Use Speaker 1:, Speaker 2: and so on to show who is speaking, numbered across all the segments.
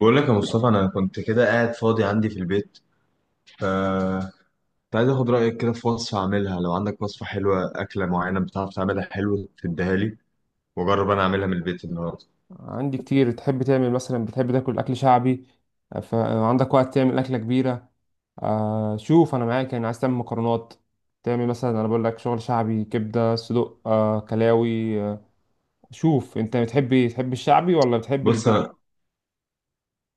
Speaker 1: بقول لك يا مصطفى، انا كنت كده قاعد فاضي عندي في البيت. ف كنت عايز اخد رايك كده في وصفه اعملها، لو عندك وصفه حلوه، اكله معينه بتعرف تعملها حلو تديها لي واجرب انا اعملها من البيت النهارده.
Speaker 2: عندي كتير. تحب تعمل مثلا؟ بتحب تاكل اكل شعبي؟ فعندك وقت تعمل اكله كبيره؟ شوف، انا معاك يعني. عايز تعمل مكرونات، تعمل مثلا، انا بقول لك شغل شعبي: كبده، صدق، كلاوي. شوف انت بتحب، الشعبي ولا بتحب
Speaker 1: بص،
Speaker 2: البيتي؟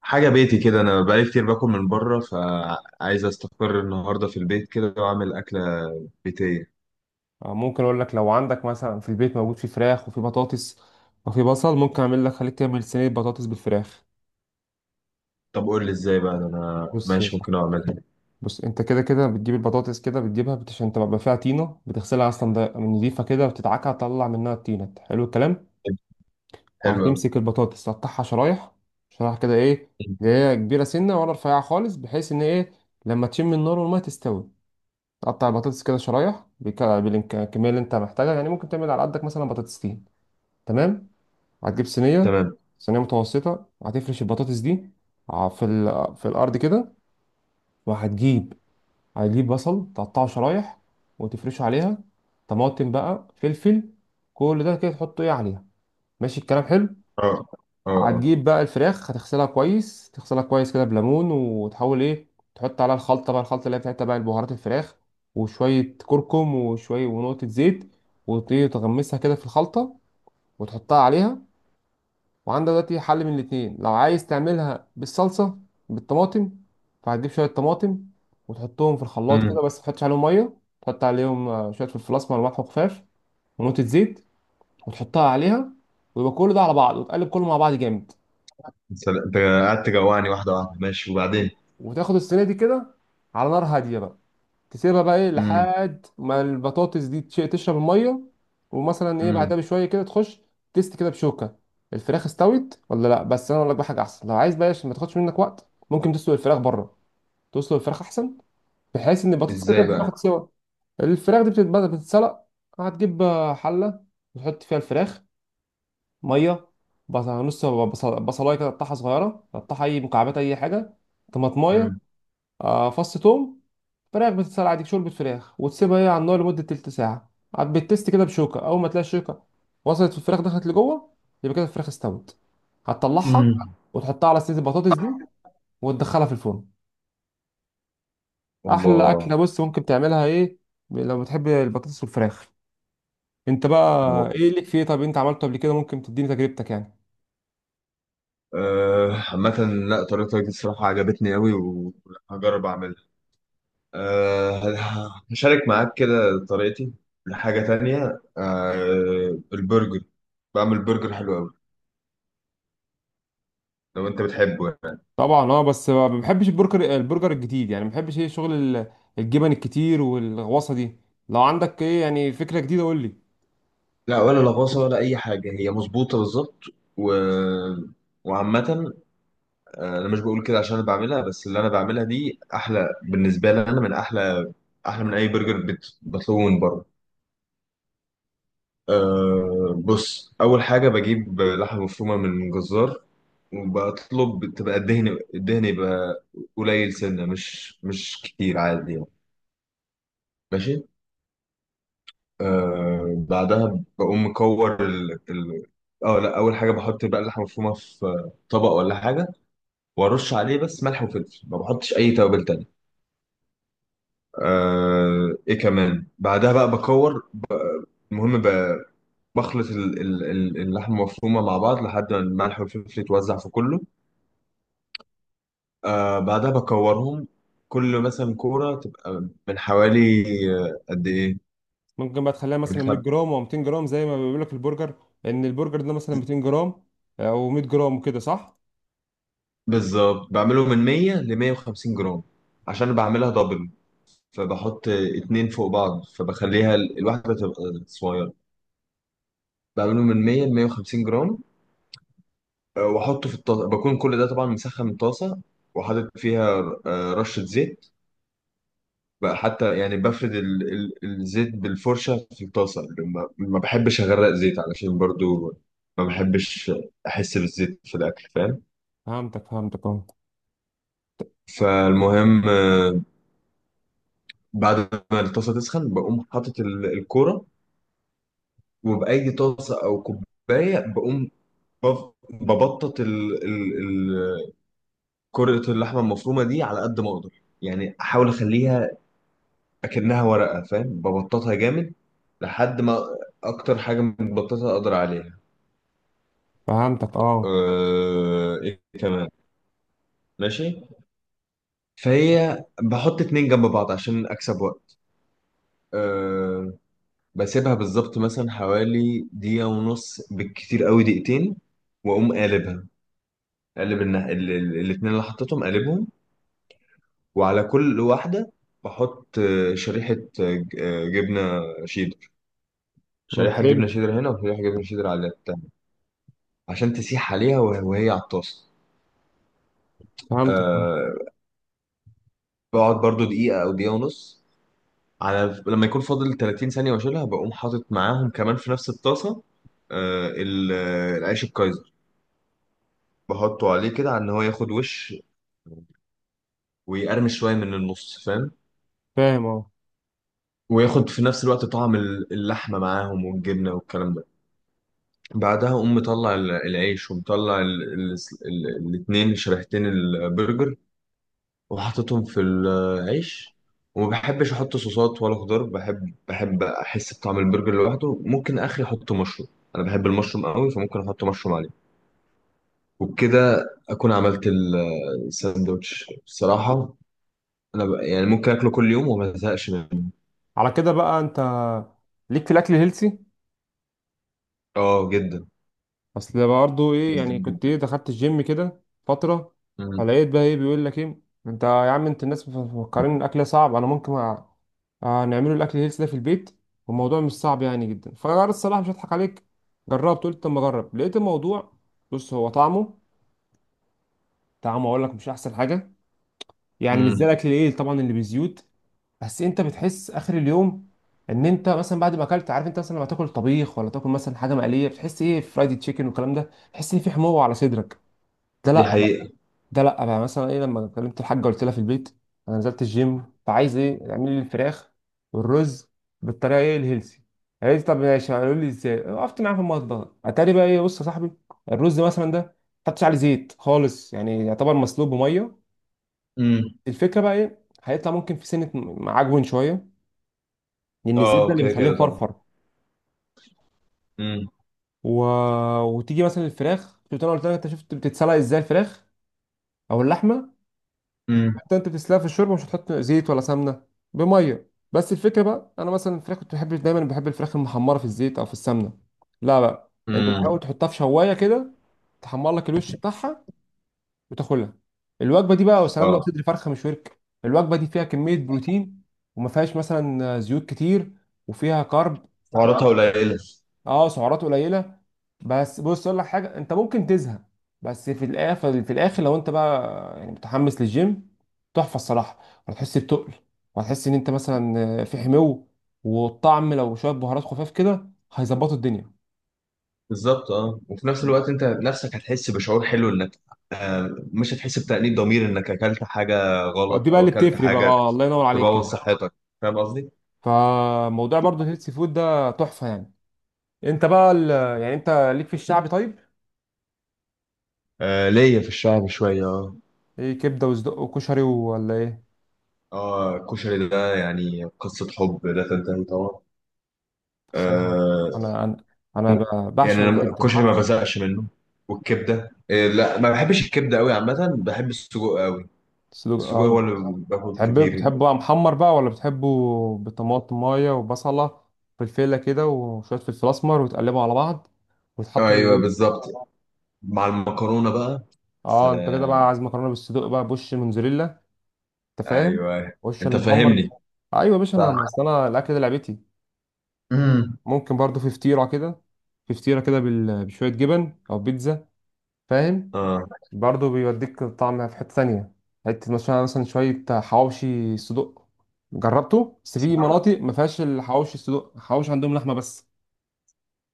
Speaker 1: حاجه بيتي كده، انا بقالي كتير باكل من بره فعايز استقر النهارده في البيت كده واعمل اكله بيتيه.
Speaker 2: ممكن اقول لك، لو عندك مثلا في البيت موجود في فراخ وفي بطاطس وفي بصل، ممكن اعمل لك، خليك تعمل صينيه بطاطس بالفراخ.
Speaker 1: طب قول لي ازاي بقى، انا
Speaker 2: بص يا
Speaker 1: ماشي، ممكن
Speaker 2: صاحبي،
Speaker 1: اعملها.
Speaker 2: بص، انت كده كده بتجيب البطاطس، كده عشان تبقى فيها طينه بتغسلها اصلا، نضيفه كده، وبتدعكها تطلع منها الطينه. حلو الكلام؟ تمام.
Speaker 1: حلوه أوي.
Speaker 2: وهتمسك البطاطس تقطعها شرايح، شرايح كده، ايه اللي هي كبيره سنه ولا رفيعه خالص، بحيث ان ايه، لما تشم النار والميه تستوي. تقطع البطاطس كده شرايح بالكميه اللي انت محتاجها، يعني ممكن تعمل على قدك مثلا بطاطستين. تمام؟ هتجيب صينيه،
Speaker 1: تمام.
Speaker 2: صينيه متوسطه، هتفرش البطاطس دي في الارض كده. وهتجيب بصل تقطعه شرايح وتفرشه عليها. طماطم بقى، فلفل، كل ده كده تحطه ايه عليها. ماشي الكلام؟ حلو.
Speaker 1: اه، اه، اه.
Speaker 2: هتجيب بقى الفراخ، هتغسلها كويس، تغسلها كويس كده بليمون، وتحاول ايه، تحط عليها الخلطة بقى، الخلطة اللي هي بتاعتها بقى: البهارات، الفراخ، وشوية كركم وشوية ونقطة زيت، وتغمسها كده في الخلطة وتحطها عليها. وعندك دلوقتي حل من الاتنين: لو عايز تعملها بالصلصة، بالطماطم، فهتجيب شوية طماطم وتحطهم في الخلاط
Speaker 1: امم.
Speaker 2: كده، بس متحطش عليهم مية، تحط عليهم شوية فلفل أسمر وملح وخفاف ونقطة زيت، وتحطها عليها، ويبقى كل ده على بعض، وتقلب كله مع بعض جامد.
Speaker 1: انت قعدت تجوعني، واحده واحده، ماشي وبعدين.
Speaker 2: وتاخد الصينيه دي كده على نار هاديه بقى، تسيبها بقى ايه
Speaker 1: امم.
Speaker 2: لحد ما البطاطس دي تشرب الميه، ومثلا ايه بعدها
Speaker 1: امم.
Speaker 2: بشويه كده تخش تست كده بشوكه، الفراخ استوت ولا لا. بس انا اقول لك بقى حاجه احسن: لو عايز بقى عشان ما تاخدش منك وقت، ممكن تسلق الفراخ بره. تسلق الفراخ احسن، بحيث ان البطاطس كده
Speaker 1: ازاي
Speaker 2: كده بتاخد
Speaker 1: بقى.
Speaker 2: سوا، الفراخ دي بتتبدا بتتسلق. هتجيب حله وتحط فيها الفراخ، ميه، بصلايه كده تقطعها صغيره، تقطعها اي مكعبات، اي حاجه، طماطمايه،
Speaker 1: مم.
Speaker 2: فص توم. فراخ بتتسلق عادي، شوربة فراخ، وتسيبها هي على النار لمدة تلت ساعة، عاد بتست كده بشوكة، أول ما تلاقي الشوكة وصلت في الفراخ دخلت لجوه، يبقى كده الفراخ استوت. هتطلعها
Speaker 1: مم.
Speaker 2: وتحطها على صينية البطاطس دي وتدخلها في الفرن. أحلى أكلة.
Speaker 1: الله.
Speaker 2: بص ممكن تعملها إيه لو بتحب البطاطس والفراخ. أنت بقى
Speaker 1: طب-
Speaker 2: إيه ليك فيه؟ طب أنت عملته قبل كده؟ ممكن تديني تجربتك يعني.
Speaker 1: آه، عامة، لا، طريقتك دي الصراحة عجبتني أوي وهجرب أعملها. هشارك معاك كده طريقتي لحاجة تانية. أه، البرجر، بعمل برجر حلو أوي لو أنت بتحبه يعني.
Speaker 2: طبعا اه، بس ما بحبش البرجر، البرجر الجديد يعني، ما بحبش ايه، شغل الجبن الكتير والغوصه دي. لو عندك ايه يعني فكره جديده قول لي.
Speaker 1: لا، ولا لغوصة ولا أي حاجة، هي مظبوطة بالظبط. و... وعامة، آه، أنا مش بقول كده عشان أنا بعملها، بس اللي أنا بعملها دي أحلى بالنسبة لي، أنا من أحلى، أحلى من أي برجر بطلبه من بره. أه، بص، أول حاجة بجيب لحمة مفرومة من جزار، وبطلب تبقى الدهن يبقى قليل سنة، مش كتير، عادي يعني. ماشي. أه، بعدها بقوم مكور اه لا، أول حاجة بحط بقى اللحمة المفرومة في طبق ولا حاجة، وأرش عليه بس ملح وفلفل، ما بحطش أي توابل تانية. أه، إيه كمان، بعدها بقى بكور. المهم ب... بخلط اللحمة المفرومة مع بعض لحد ما الملح والفلفل يتوزع في كله. آه، بعدها بكورهم، كل مثلا كورة تبقى من حوالي، قد إيه؟
Speaker 2: ممكن بقى تخليها
Speaker 1: من
Speaker 2: مثلا 100
Speaker 1: خم...
Speaker 2: جرام او 200 جرام، زي ما بيقول لك البرجر، لان البرجر ده مثلا 200 جرام او 100 جرام، وكده صح.
Speaker 1: بالظبط بعمله من 100 ل 150 جرام عشان بعملها دبل، فبحط آه، اتنين فوق بعض، فبخليها الواحدة تبقى صغيرة. بعمله من 100 ل 150 جرام، آه، وأحطه في الطاسة، بكون كل ده طبعا مسخن الطاسة وحاطط فيها آه، رشة زيت بقى، حتى يعني بفرد الزيت بالفرشة في الطاسة. ما بحبش أغرق زيت، علشان برضو ما بحبش أحس بالزيت في الأكل، فاهم.
Speaker 2: فهمتك اه.
Speaker 1: فالمهم، آه، بعد ما الطاسة تسخن بقوم حاطط الكورة وبأي طاسة أو كوباية، بقوم ببطط كرة اللحمة المفرومة دي على قد ما أقدر. يعني أحاول أخليها أكنها ورقة، فاهم، ببططها جامد لحد ما، أكتر حاجة متبططة أقدر عليها.
Speaker 2: فهمتك اه.
Speaker 1: آه، ايه كمان، ماشي. فهي بحط اتنين جنب بعض عشان اكسب وقت. أه. بسيبها بالظبط مثلا حوالي دقيقة ونص، بالكتير قوي دقيقتين، واقوم قالبها. قالب الاتنين اللي حطيتهم قالبهم، وعلى كل واحدة بحط آه، شريحة جبنة شيدر.
Speaker 2: أمم،
Speaker 1: شريحة
Speaker 2: حلو.
Speaker 1: جبنة شيدر هنا وشريحة جبنة شيدر على التاني، عشان تسيح عليها وهي على الطاسة.
Speaker 2: فهمتك اه.
Speaker 1: أه. بقعد برضو دقيقة أو دقيقة ونص، على لما يكون فاضل 30 ثانية واشيلها، بقوم حاطط معاهم كمان في نفس الطاسة آه، العيش الكايزر، بحطه عليه كده على ان هو ياخد وش ويقرمش شوية من النص، فاهم،
Speaker 2: فاهم اه.
Speaker 1: وياخد في نفس الوقت طعم اللحمة معاهم والجبنة والكلام ده. بعدها أقوم مطلع العيش ومطلع الاتنين شريحتين البرجر وحطيتهم في العيش. وما بحبش احط صوصات ولا خضار، بحب احس بطعم البرجر لوحده. ممكن اخري احط مشروم، انا بحب المشروم قوي فممكن احط مشروم عليه. وبكده اكون عملت الساندوتش. بصراحة انا يعني ممكن اكله كل يوم وما ازهقش منه.
Speaker 2: على كده بقى انت ليك في الاكل الهيلسي.
Speaker 1: اه جدا.
Speaker 2: اصل برضه ايه
Speaker 1: جدا
Speaker 2: يعني، كنت
Speaker 1: جدا.
Speaker 2: ايه، دخلت الجيم كده فتره،
Speaker 1: امم.
Speaker 2: فلقيت بقى ايه بيقول لك ايه، انت يا عم انت، الناس مفكرين الاكل صعب، انا ممكن نعمله الاكل هيلث ده في البيت، والموضوع مش صعب يعني جدا. فانا الصراحه مش هضحك عليك، جربت، قلت اما اجرب، لقيت الموضوع، بص هو طعمه، طعمه اقول لك مش احسن حاجه، يعني مش
Speaker 1: امم.
Speaker 2: زي الاكل الايه طبعا اللي بزيوت، بس انت بتحس اخر اليوم ان انت مثلا بعد ما اكلت، عارف انت مثلا لما تاكل طبيخ ولا تاكل مثلا حاجه مقليه بتحس ايه، فرايدي تشيكن والكلام ده، تحس ان في حموضه على صدرك. ده
Speaker 1: دي
Speaker 2: لا بقى-
Speaker 1: حقيقة.
Speaker 2: ده لا بقى مثلا ايه، لما كلمت الحاجه، قلت لها في البيت انا نزلت الجيم، فعايز ايه اعملي لي الفراخ والرز بالطريقه ايه الهيلثي، قالت لي طب ماشي. قالوا لي ازاي؟ وقفت معاها في المطبخ، اتاري بقى ايه، بص يا صاحبي، الرز مثلا ده ما حطيتش عليه زيت خالص، يعني يعتبر مسلوق بميه.
Speaker 1: امم.
Speaker 2: الفكره بقى ايه، هيطلع ممكن في سنه معجون شويه، لان الزيت ده
Speaker 1: اه،
Speaker 2: اللي
Speaker 1: كده
Speaker 2: بيخليه
Speaker 1: كده طبعا.
Speaker 2: مفرفر.
Speaker 1: امم.
Speaker 2: و... وتيجي مثلا الفراخ، شفت انا قلت لك انت، شفت بتتسلق ازاي الفراخ او اللحمه،
Speaker 1: امم.
Speaker 2: انت بتسلقها في الشوربه، مش هتحط زيت ولا سمنه، بميه بس. الفكره بقى، انا مثلا الفراخ كنت بحب دايما، بحب الفراخ المحمره في الزيت او في السمنه، لا بقى انت
Speaker 1: امم.
Speaker 2: تحاول تحطها في شوايه كده، تحمر لك الوش بتاعها وتاكلها. الوجبه دي بقى وسلام، لو
Speaker 1: اه،
Speaker 2: صدر فرخه مش ورك، الوجبه دي فيها كميه بروتين، وما فيهاش مثلا زيوت كتير، وفيها كارب.
Speaker 1: سعراتها قليلة.
Speaker 2: اه سعرات قليله. بس بص اقول لك حاجه، انت ممكن تزهق، بس في الاخر، في الاخر لو انت بقى يعني متحمس للجيم، تحفه الصراحه. هتحس بتقل، وهتحس ان انت مثلا في حمو، والطعم لو شويه بهارات خفاف كده هيظبطوا الدنيا.
Speaker 1: بالظبط. اه، وفي نفس الوقت انت نفسك هتحس بشعور حلو انك، آه، مش هتحس بتأنيب ضمير انك اكلت حاجه
Speaker 2: دي
Speaker 1: غلط
Speaker 2: بقى
Speaker 1: او
Speaker 2: اللي
Speaker 1: اكلت
Speaker 2: بتفرق بقى.
Speaker 1: حاجه
Speaker 2: اه الله ينور عليك
Speaker 1: تبوظ
Speaker 2: كده.
Speaker 1: صحتك، فاهم قصدي؟
Speaker 2: فموضوع برضو الهيلثي فود ده تحفه يعني. انت بقى يعني انت ليك في الشعبي طيب؟
Speaker 1: آه، ليا في الشعر شويه، اه.
Speaker 2: ايه، كبده وصدق وكشري ولا ايه؟
Speaker 1: اه، الكشري ده يعني قصه حب لا تنتهي طبعا.
Speaker 2: الصراحه،
Speaker 1: آه.
Speaker 2: انا انا انا بعشق
Speaker 1: يعني انا
Speaker 2: الكبده،
Speaker 1: الكشري ما بزهقش منه، والكبده لا، ما بحبش الكبده قوي، عامه بحب السجق قوي. السجق
Speaker 2: صدق.
Speaker 1: هو اللي باكل
Speaker 2: تحب
Speaker 1: كتير.
Speaker 2: بتحبه محمر بقى، ولا بتحبه بطماطمايه وبصله فلفله كده وشويه فلفل اسمر، وتقلبه على بعض وتحطه في
Speaker 1: ايوه،
Speaker 2: الرغيف.
Speaker 1: بالظبط، مع المكرونه بقى.
Speaker 2: اه انت كده بقى
Speaker 1: سلام.
Speaker 2: عايز مكرونه بالصدق بقى، بوش موتزاريلا. انت فاهم؟
Speaker 1: ايوه، أيوة.
Speaker 2: وش
Speaker 1: انت
Speaker 2: المحمر.
Speaker 1: فاهمني.
Speaker 2: ايوه يا باشا،
Speaker 1: صح.
Speaker 2: انا اصل انا الاكل ده لعبتي.
Speaker 1: امم.
Speaker 2: ممكن برضو في فطيره كده، في فطيره كده بشويه جبن، او بيتزا. فاهم؟
Speaker 1: اه.
Speaker 2: برضه بيوديك طعمها في حتة تانية. حتة مثلا، شوية حواوشي صدق، جربته، بس في مناطق ما فيهاش الحواوشي الصدق، الحواوشي عندهم لحمة بس.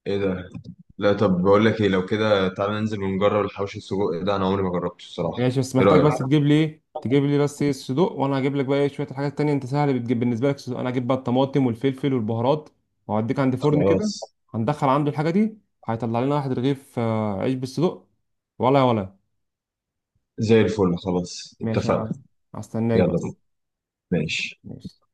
Speaker 1: ايه ده؟ لا، طب بقول لك ايه، لو كده تعالى ننزل ونجرب الحوش السجق ده، انا عمري ما جربته الصراحه.
Speaker 2: ماشي، بس
Speaker 1: ايه
Speaker 2: محتاج
Speaker 1: رايك؟
Speaker 2: بس تجيب لي ايه، تجيب لي بس ايه الصدق، وانا هجيب لك بقى ايه شوية الحاجات التانية. انت سهل بتجيب بالنسبة لك الصدق، انا هجيب بقى الطماطم والفلفل والبهارات، وهوديك عند فرن كده،
Speaker 1: خلاص،
Speaker 2: هندخل عنده الحاجة دي، هيطلع لنا واحد رغيف عيش بالصدق. ولا.
Speaker 1: زي الفل، خلاص
Speaker 2: ماشي.
Speaker 1: اتفقنا.
Speaker 2: انا هستناك
Speaker 1: يلا
Speaker 2: بقى.
Speaker 1: بينا. ماشي.
Speaker 2: ماشي.